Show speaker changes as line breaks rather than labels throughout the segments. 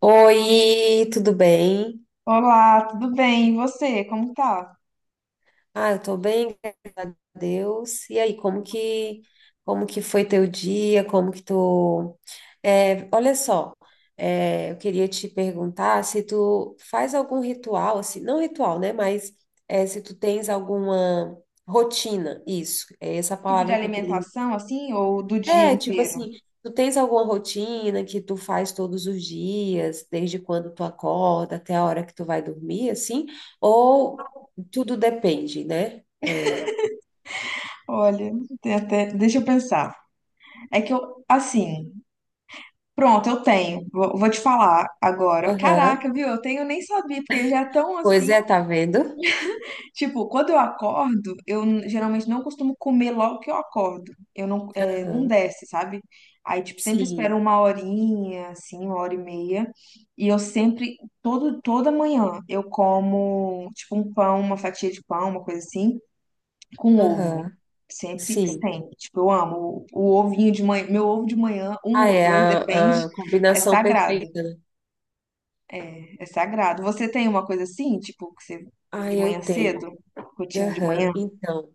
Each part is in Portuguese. Oi, tudo bem?
Olá, tudo bem? E você, como tá?
Ah, eu tô bem, graças a Deus. E aí, como que foi teu dia? Como que tu... É, olha só, é, eu queria te perguntar se tu faz algum ritual, assim, não ritual, né? Mas é, se tu tens alguma rotina, isso, é essa
Tipo de
palavra que eu queria.
alimentação, assim, ou do dia
É, tipo
inteiro?
assim, tu tens alguma rotina que tu faz todos os dias, desde quando tu acorda até a hora que tu vai dormir, assim? Ou tudo depende, né? É.
Olha, tem até, deixa eu pensar. É que eu, assim, pronto, eu tenho. Vou te falar agora.
Aham.
Caraca, viu? Eu tenho, eu nem sabia, porque já é tão
Pois
assim,
é, tá vendo?
tipo, quando eu acordo, geralmente não costumo comer logo que eu acordo. Eu não, não
Aham.
desce, sabe? Aí, tipo, sempre espero
Sim.
uma horinha, assim, uma hora e meia. E eu sempre, toda manhã, eu como, tipo, um pão, uma fatia de pão, uma coisa assim, com ovo.
Aham.
Sempre,
Sim.
sempre. Tipo, eu amo. O ovinho de manhã, meu ovo de manhã, um
Ah,
ou
é
dois, depende,
a
é
combinação
sagrado.
perfeita, né?
É sagrado. Você tem uma coisa assim, tipo, que você,
Ah,
de
eu
manhã
tenho.
cedo? Rotina de
Aham.
manhã?
Então.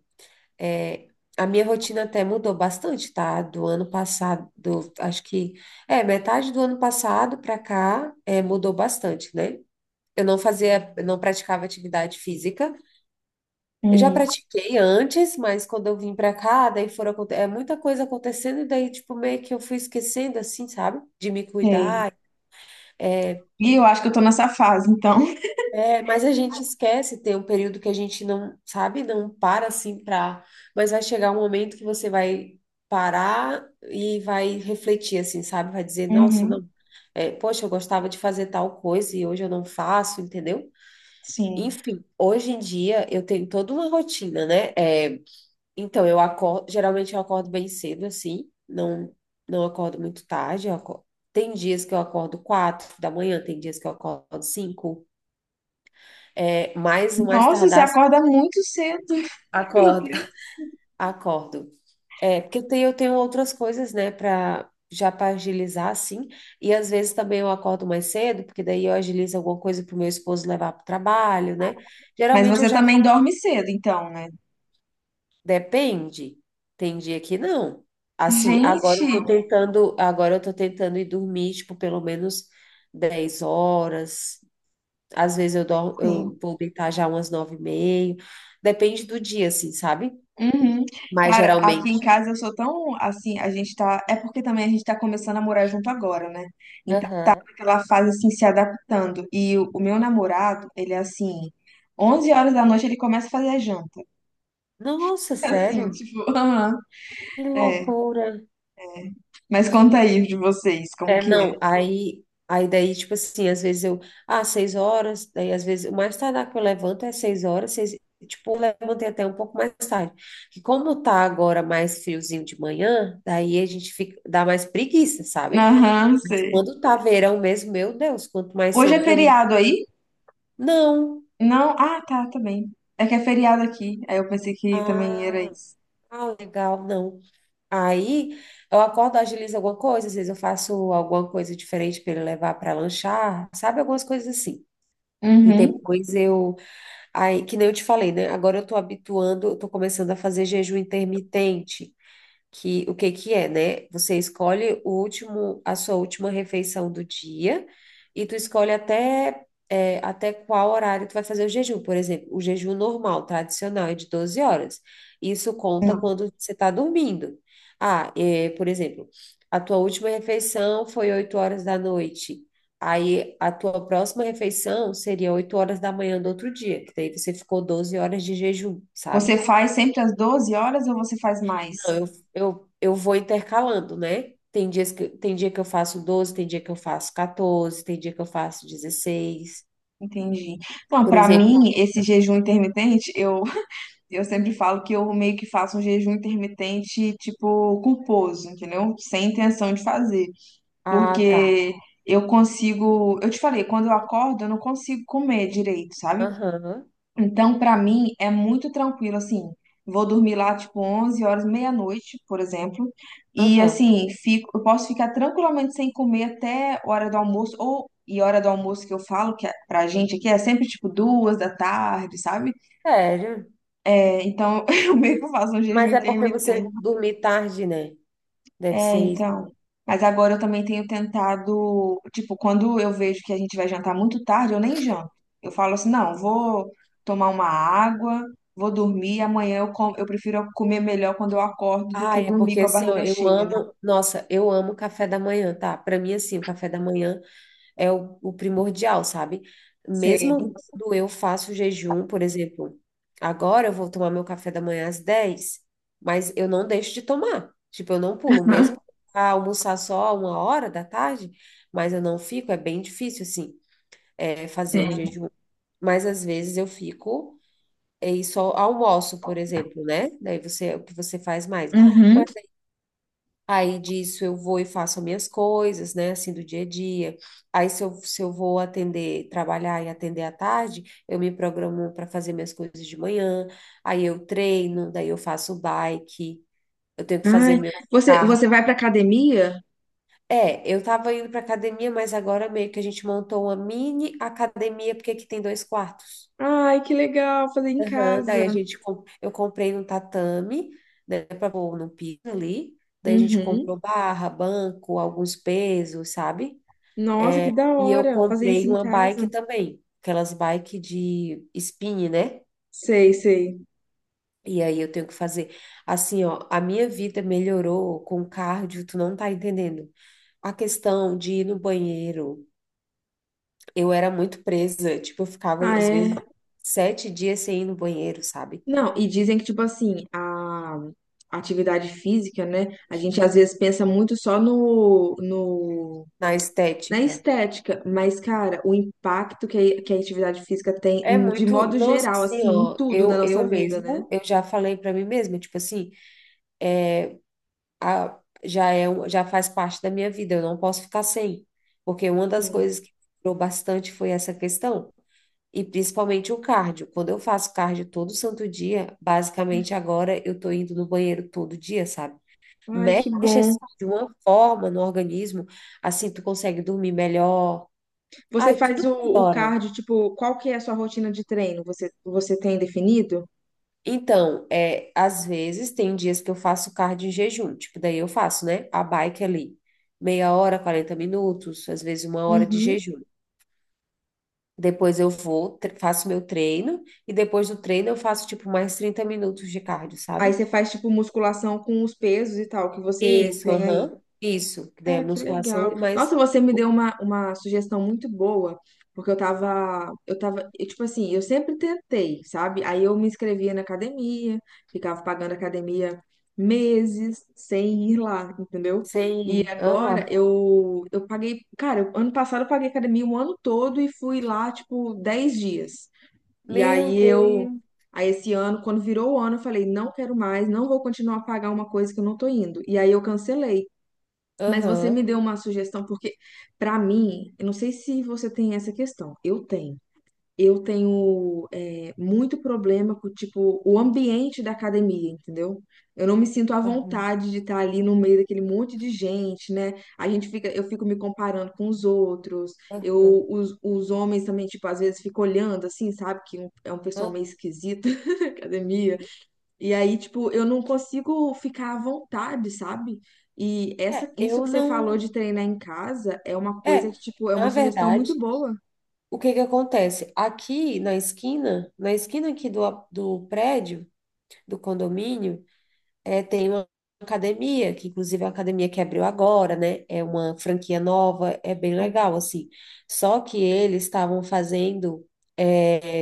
É, a minha rotina até mudou bastante, tá? Do ano passado, acho que é metade do ano passado para cá, é, mudou bastante, né? Eu não fazia, eu não praticava atividade física. Eu já pratiquei antes, mas quando eu vim para cá, daí é muita coisa acontecendo e daí tipo meio que eu fui esquecendo assim, sabe? De me
Sei.
cuidar. é,
E eu acho que eu tô nessa fase, então.
É, mas a gente esquece, tem um período que a gente não, sabe, não para assim pra. Mas vai chegar um momento que você vai parar e vai refletir, assim, sabe? Vai dizer, nossa,
Uhum,
não, é, poxa, eu gostava de fazer tal coisa e hoje eu não faço, entendeu?
sim.
Enfim, hoje em dia eu tenho toda uma rotina, né? É, então, eu acordo, geralmente eu acordo bem cedo, assim, não, não acordo muito tarde, eu acordo. Tem dias que eu acordo 4 da manhã, tem dias que eu acordo 5. É, mais o mais
Nossa, você
tardar,
acorda muito cedo. Meu
acordo.
Deus.
Acordo. É, porque eu tenho outras coisas, né, para já para agilizar, assim. E às vezes também eu acordo mais cedo, porque daí eu agilizo alguma coisa para o meu esposo levar para o trabalho, né?
Mas
Geralmente eu
você
já.
também dorme cedo, então, né?
Depende. Tem dia que não. Assim, agora
Gente,
eu tô tentando, agora eu tô tentando ir dormir, tipo, pelo menos 10 horas. Às vezes eu, dou,
sim.
eu vou deitar já umas 9h30. Depende do dia, assim, sabe?
Uhum.
Mas
Cara, aqui em
geralmente.
casa eu sou tão assim, a gente tá. É porque também a gente tá começando a morar junto agora, né? Então tá
Aham.
naquela fase assim, se adaptando. E o meu namorado, ele é assim, 11 horas da noite ele começa a fazer a janta.
Nossa,
Assim,
sério?
tipo, aham.
Que
É.
loucura.
Mas conta aí de vocês, como
É,
que é?
não, aí daí, tipo assim, às vezes 6 horas, daí às vezes, o mais tardar que eu levanto é 6 horas, tipo, eu levantei até um pouco mais tarde. Que como tá agora mais friozinho de manhã, daí a gente fica, dá mais preguiça, sabe?
Aham,
Mas
sei.
quando tá verão mesmo, meu Deus, quanto mais
Hoje
cedo
é
pra mim.
feriado aí?
Não.
Não? Ah, tá, também. É que é feriado aqui. Aí eu pensei que também era
Ah,
isso.
ah, legal, não. Aí eu acordo, agilizo alguma coisa, às vezes eu faço alguma coisa diferente para ele levar para lanchar, sabe? Algumas coisas assim. E
Uhum.
depois aí, que nem eu te falei, né? Agora eu tô habituando, eu tô começando a fazer jejum intermitente que o que que é, né? Você escolhe o último, a sua última refeição do dia e tu escolhe até qual horário tu vai fazer o jejum. Por exemplo, o jejum normal, tradicional, é de 12 horas. Isso conta
Não.
quando você está dormindo. Ah, é, por exemplo, a tua última refeição foi 8 horas da noite. Aí a tua próxima refeição seria 8 horas da manhã do outro dia, que daí você ficou 12 horas de jejum, sabe?
Você faz sempre às 12 horas ou você faz
Não,
mais?
eu vou intercalando, né? Tem dia que eu faço 12, tem dia que eu faço 14, tem dia que eu faço 16.
Entendi. Não,
Por
pra
exemplo,
mim, esse jejum intermitente, eu, eu sempre falo que eu meio que faço um jejum intermitente, tipo, culposo, entendeu? Sem intenção de fazer.
ah, tá.
Porque eu consigo. Eu te falei, quando eu acordo, eu não consigo comer direito, sabe?
Aham,
Então, para mim, é muito tranquilo, assim. Vou dormir lá, tipo, 11 horas, meia-noite, por exemplo. E,
aham.
assim, fico, eu posso ficar tranquilamente sem comer até hora do almoço. Ou, e hora do almoço que eu falo, que é, pra gente aqui é sempre, tipo, duas da tarde, sabe?
Sério?
É, então, eu meio que faço um jejum
Mas é porque você
intermitente.
dormir tarde, né? Deve
É,
ser isso.
então. Mas agora eu também tenho tentado, tipo, quando eu vejo que a gente vai jantar muito tarde, eu nem janto. Eu falo assim, não, vou tomar uma água, vou dormir, amanhã eu como, eu prefiro comer melhor quando eu acordo do
Ah,
que
é
dormir
porque
com a
assim, ó,
barriga
eu
cheia, né?
amo, nossa, eu amo café da manhã, tá? Pra mim, assim, o café da manhã é o primordial, sabe?
Sei.
Mesmo quando eu faço jejum, por exemplo, agora eu vou tomar meu café da manhã às 10, mas eu não deixo de tomar. Tipo, eu não pulo, mesmo
Aham,
pra almoçar só 1 hora da tarde, mas eu não fico, é bem difícil, assim, é, fazer o
sei.
jejum. Mas às vezes eu fico e só almoço, por exemplo, né? Daí você, o que você faz mais.
Uhum.
Aí disso eu vou e faço as minhas coisas, né, assim do dia a dia. Aí se eu vou atender, trabalhar e atender à tarde, eu me programo para fazer minhas coisas de manhã. Aí eu treino, daí eu faço bike, eu tenho que fazer
Ai,
meu
você,
cardio.
você vai pra academia?
É, eu tava indo para academia, mas agora meio que a gente montou uma mini academia, porque aqui tem dois quartos.
Ai, que legal fazer em
Aham, daí a
casa.
gente, eu comprei um tatame, né, para pôr no piso ali. Daí a gente
Uhum.
comprou barra, banco, alguns pesos, sabe?
Nossa, que
É,
da
e eu
hora fazer isso
comprei
em
uma bike
casa.
também, aquelas bike de spin, né?
Sei, sei.
E aí eu tenho que fazer. Assim, ó, a minha vida melhorou com cardio, tu não tá entendendo. A questão de ir no banheiro, eu era muito presa, tipo, eu ficava,
Ah,
às
é.
vezes, 7 dias sem ir no banheiro, sabe?
Não, e dizem que, tipo assim, a atividade física, né? A gente às vezes pensa muito só no,
Na
na
estética.
estética, mas, cara, o impacto que a atividade física tem,
É
de
muito,
modo
nossa,
geral,
assim,
assim, em
ó,
tudo na
eu
nossa vida, né?
mesmo, eu já falei pra mim mesma, tipo assim, a- já é, já faz parte da minha vida, eu não posso ficar sem, porque uma das
Sim.
coisas que durou bastante foi essa questão, e principalmente o cardio. Quando eu faço cardio todo santo dia, basicamente agora eu tô indo no banheiro todo dia, sabe?
Ai, que
Mexe
bom.
assim, de uma forma no organismo, assim tu consegue dormir melhor.
Você
Ai,
faz
tudo
o
melhora.
cardio, tipo, qual que é a sua rotina de treino? Você tem definido?
Então, é, às vezes tem dias que eu faço cardio em jejum, tipo, daí eu faço, né? A bike ali, meia hora, 40 minutos, às vezes 1 hora de
Uhum.
jejum. Depois eu vou, faço meu treino, e depois do treino eu faço, tipo, mais 30 minutos de cardio,
Aí
sabe?
você faz, tipo, musculação com os pesos e tal, que você
Isso,
tem aí.
aham, isso, que daí é
Cara, que
musculação
legal.
e
Nossa,
mais
você me deu uma sugestão muito boa, porque eu tava, eu, tipo assim, eu sempre tentei, sabe? Aí eu me inscrevia na academia, ficava pagando academia meses sem ir lá, entendeu? E
sem,
agora
aham.
eu paguei, cara, ano passado eu paguei academia o ano todo e fui lá, tipo, 10 dias. E
Meu
aí eu,
Deus,
aí esse ano, quando virou o ano, eu falei, não quero mais, não vou continuar a pagar uma coisa que eu não tô indo. E aí eu cancelei. Mas você me
aham,
deu uma sugestão, porque pra mim, eu não sei se você tem essa questão, eu tenho. Eu tenho muito problema com, tipo, o ambiente da academia, entendeu? Eu não me sinto à
aham,
vontade de estar ali no meio daquele monte de gente, né? A gente fica, eu fico me comparando com os outros.
aham,
Eu, os homens também, tipo, às vezes fico olhando assim, sabe? Que é um pessoal meio
aham.
esquisito na academia. E aí, tipo, eu não consigo ficar à vontade, sabe? E
É,
isso
eu
que você falou
não,
de treinar em casa é uma
é,
coisa que, tipo, é uma
na
sugestão
verdade.
muito boa.
O que que acontece? Aqui na esquina aqui do prédio, do condomínio, é, tem uma academia, que inclusive é uma academia que abriu agora, né? É uma franquia nova, é bem legal, assim. Só que eles estavam fazendo. eh,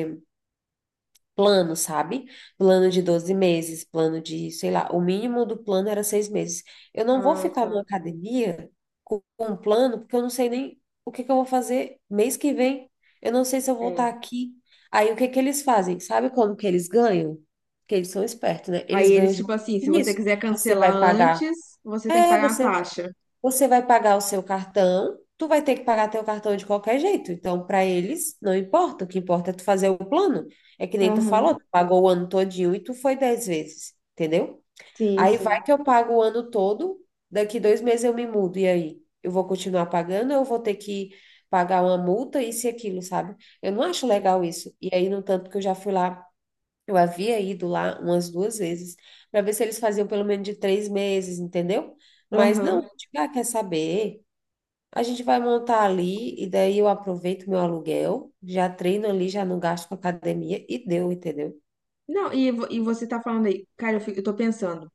plano, sabe? Plano de 12 meses, plano de, sei lá, o mínimo do plano era 6 meses. Eu não vou
Ah,
ficar numa
tá.
academia com um plano, porque eu não sei nem o que que eu vou fazer mês que vem. Eu não sei se eu vou estar
É.
aqui. Aí o que que eles fazem? Sabe como que eles ganham? Porque eles são espertos, né?
Aí
Eles ganham
eles, tipo
justamente
assim, se você
nisso.
quiser
Você
cancelar
vai pagar.
antes, você tem que
É,
pagar a
você
taxa.
você vai pagar o seu cartão, tu vai ter que pagar teu cartão de qualquer jeito. Então, para eles, não importa. O que importa é tu fazer o plano. É que nem tu
Aham,
falou, tu pagou o ano todinho e tu foi 10 vezes, entendeu?
sim,
Aí
sim.
vai que eu pago o ano todo, daqui 2 meses eu me mudo. E aí? Eu vou continuar pagando ou eu vou ter que pagar uma multa, isso e aquilo, sabe? Eu não acho legal isso. E aí, no tanto que eu já fui lá eu havia ido lá umas duas vezes para ver se eles faziam pelo menos de 3 meses, entendeu? Mas não,
Aham.
tipo, ah, quer saber? A gente vai montar ali e daí eu aproveito meu aluguel, já treino ali, já não gasto com academia e deu, entendeu?
Não, e você tá falando aí, cara, eu, fico, eu tô pensando,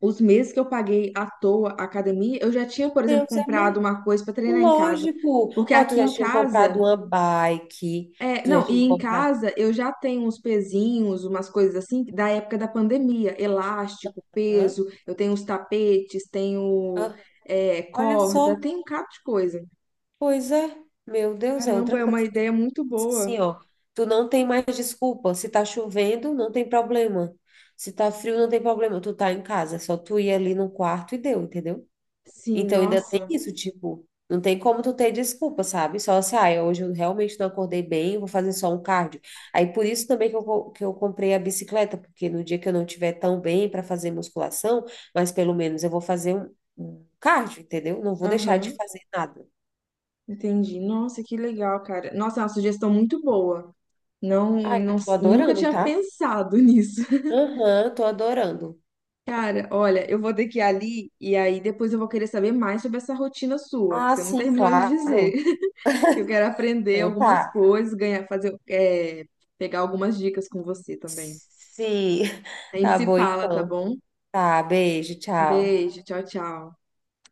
os meses que eu paguei à toa a academia, eu já tinha, por exemplo,
Deus é
comprado
mãe.
uma coisa pra treinar em casa.
Lógico.
Porque
Ó, tu
aqui
já
em
tinha comprado
casa.
uma bike,
É,
tu já
não, e
tinha
em
comprado.
casa eu já tenho uns pezinhos, umas coisas assim, da época da pandemia, elástico,
Hã?
peso, eu tenho uns tapetes, tenho
Hã? Olha só,
corda, tenho um cabo de coisa.
pois é. Meu Deus, é
Caramba,
outra
é uma
coisa.
ideia muito boa.
Assim, ó, tu não tem mais desculpa. Se tá chovendo, não tem problema. Se tá frio, não tem problema. Tu tá em casa, é só tu ir ali no quarto e deu, entendeu?
Sim,
Então ainda tem
nossa,
isso, tipo, não tem como tu ter desculpa, sabe? Só assim, ah, hoje eu realmente não acordei bem, eu vou fazer só um cardio. Aí por isso também que eu, que eu comprei a bicicleta, porque no dia que eu não tiver tão bem para fazer musculação, mas pelo menos eu vou fazer um cardio, entendeu? Não vou deixar de
aham,
fazer nada.
entendi. Nossa, que legal, cara. Nossa, é uma sugestão muito boa. Não,
Ai,
não,
eu tô
nunca
adorando,
tinha
tá?
pensado nisso.
Aham, tô adorando.
Cara, olha, eu vou ter que ir ali e aí depois eu vou querer saber mais sobre essa rotina sua, que
Ah,
você não
sim,
terminou de dizer.
claro.
Eu quero aprender
Então
algumas
tá.
coisas, ganhar, fazer, pegar algumas dicas com você também.
Sim.
A gente
Tá
se
bom,
fala, tá
então.
bom?
Tá, beijo, tchau.
Beijo, tchau, tchau.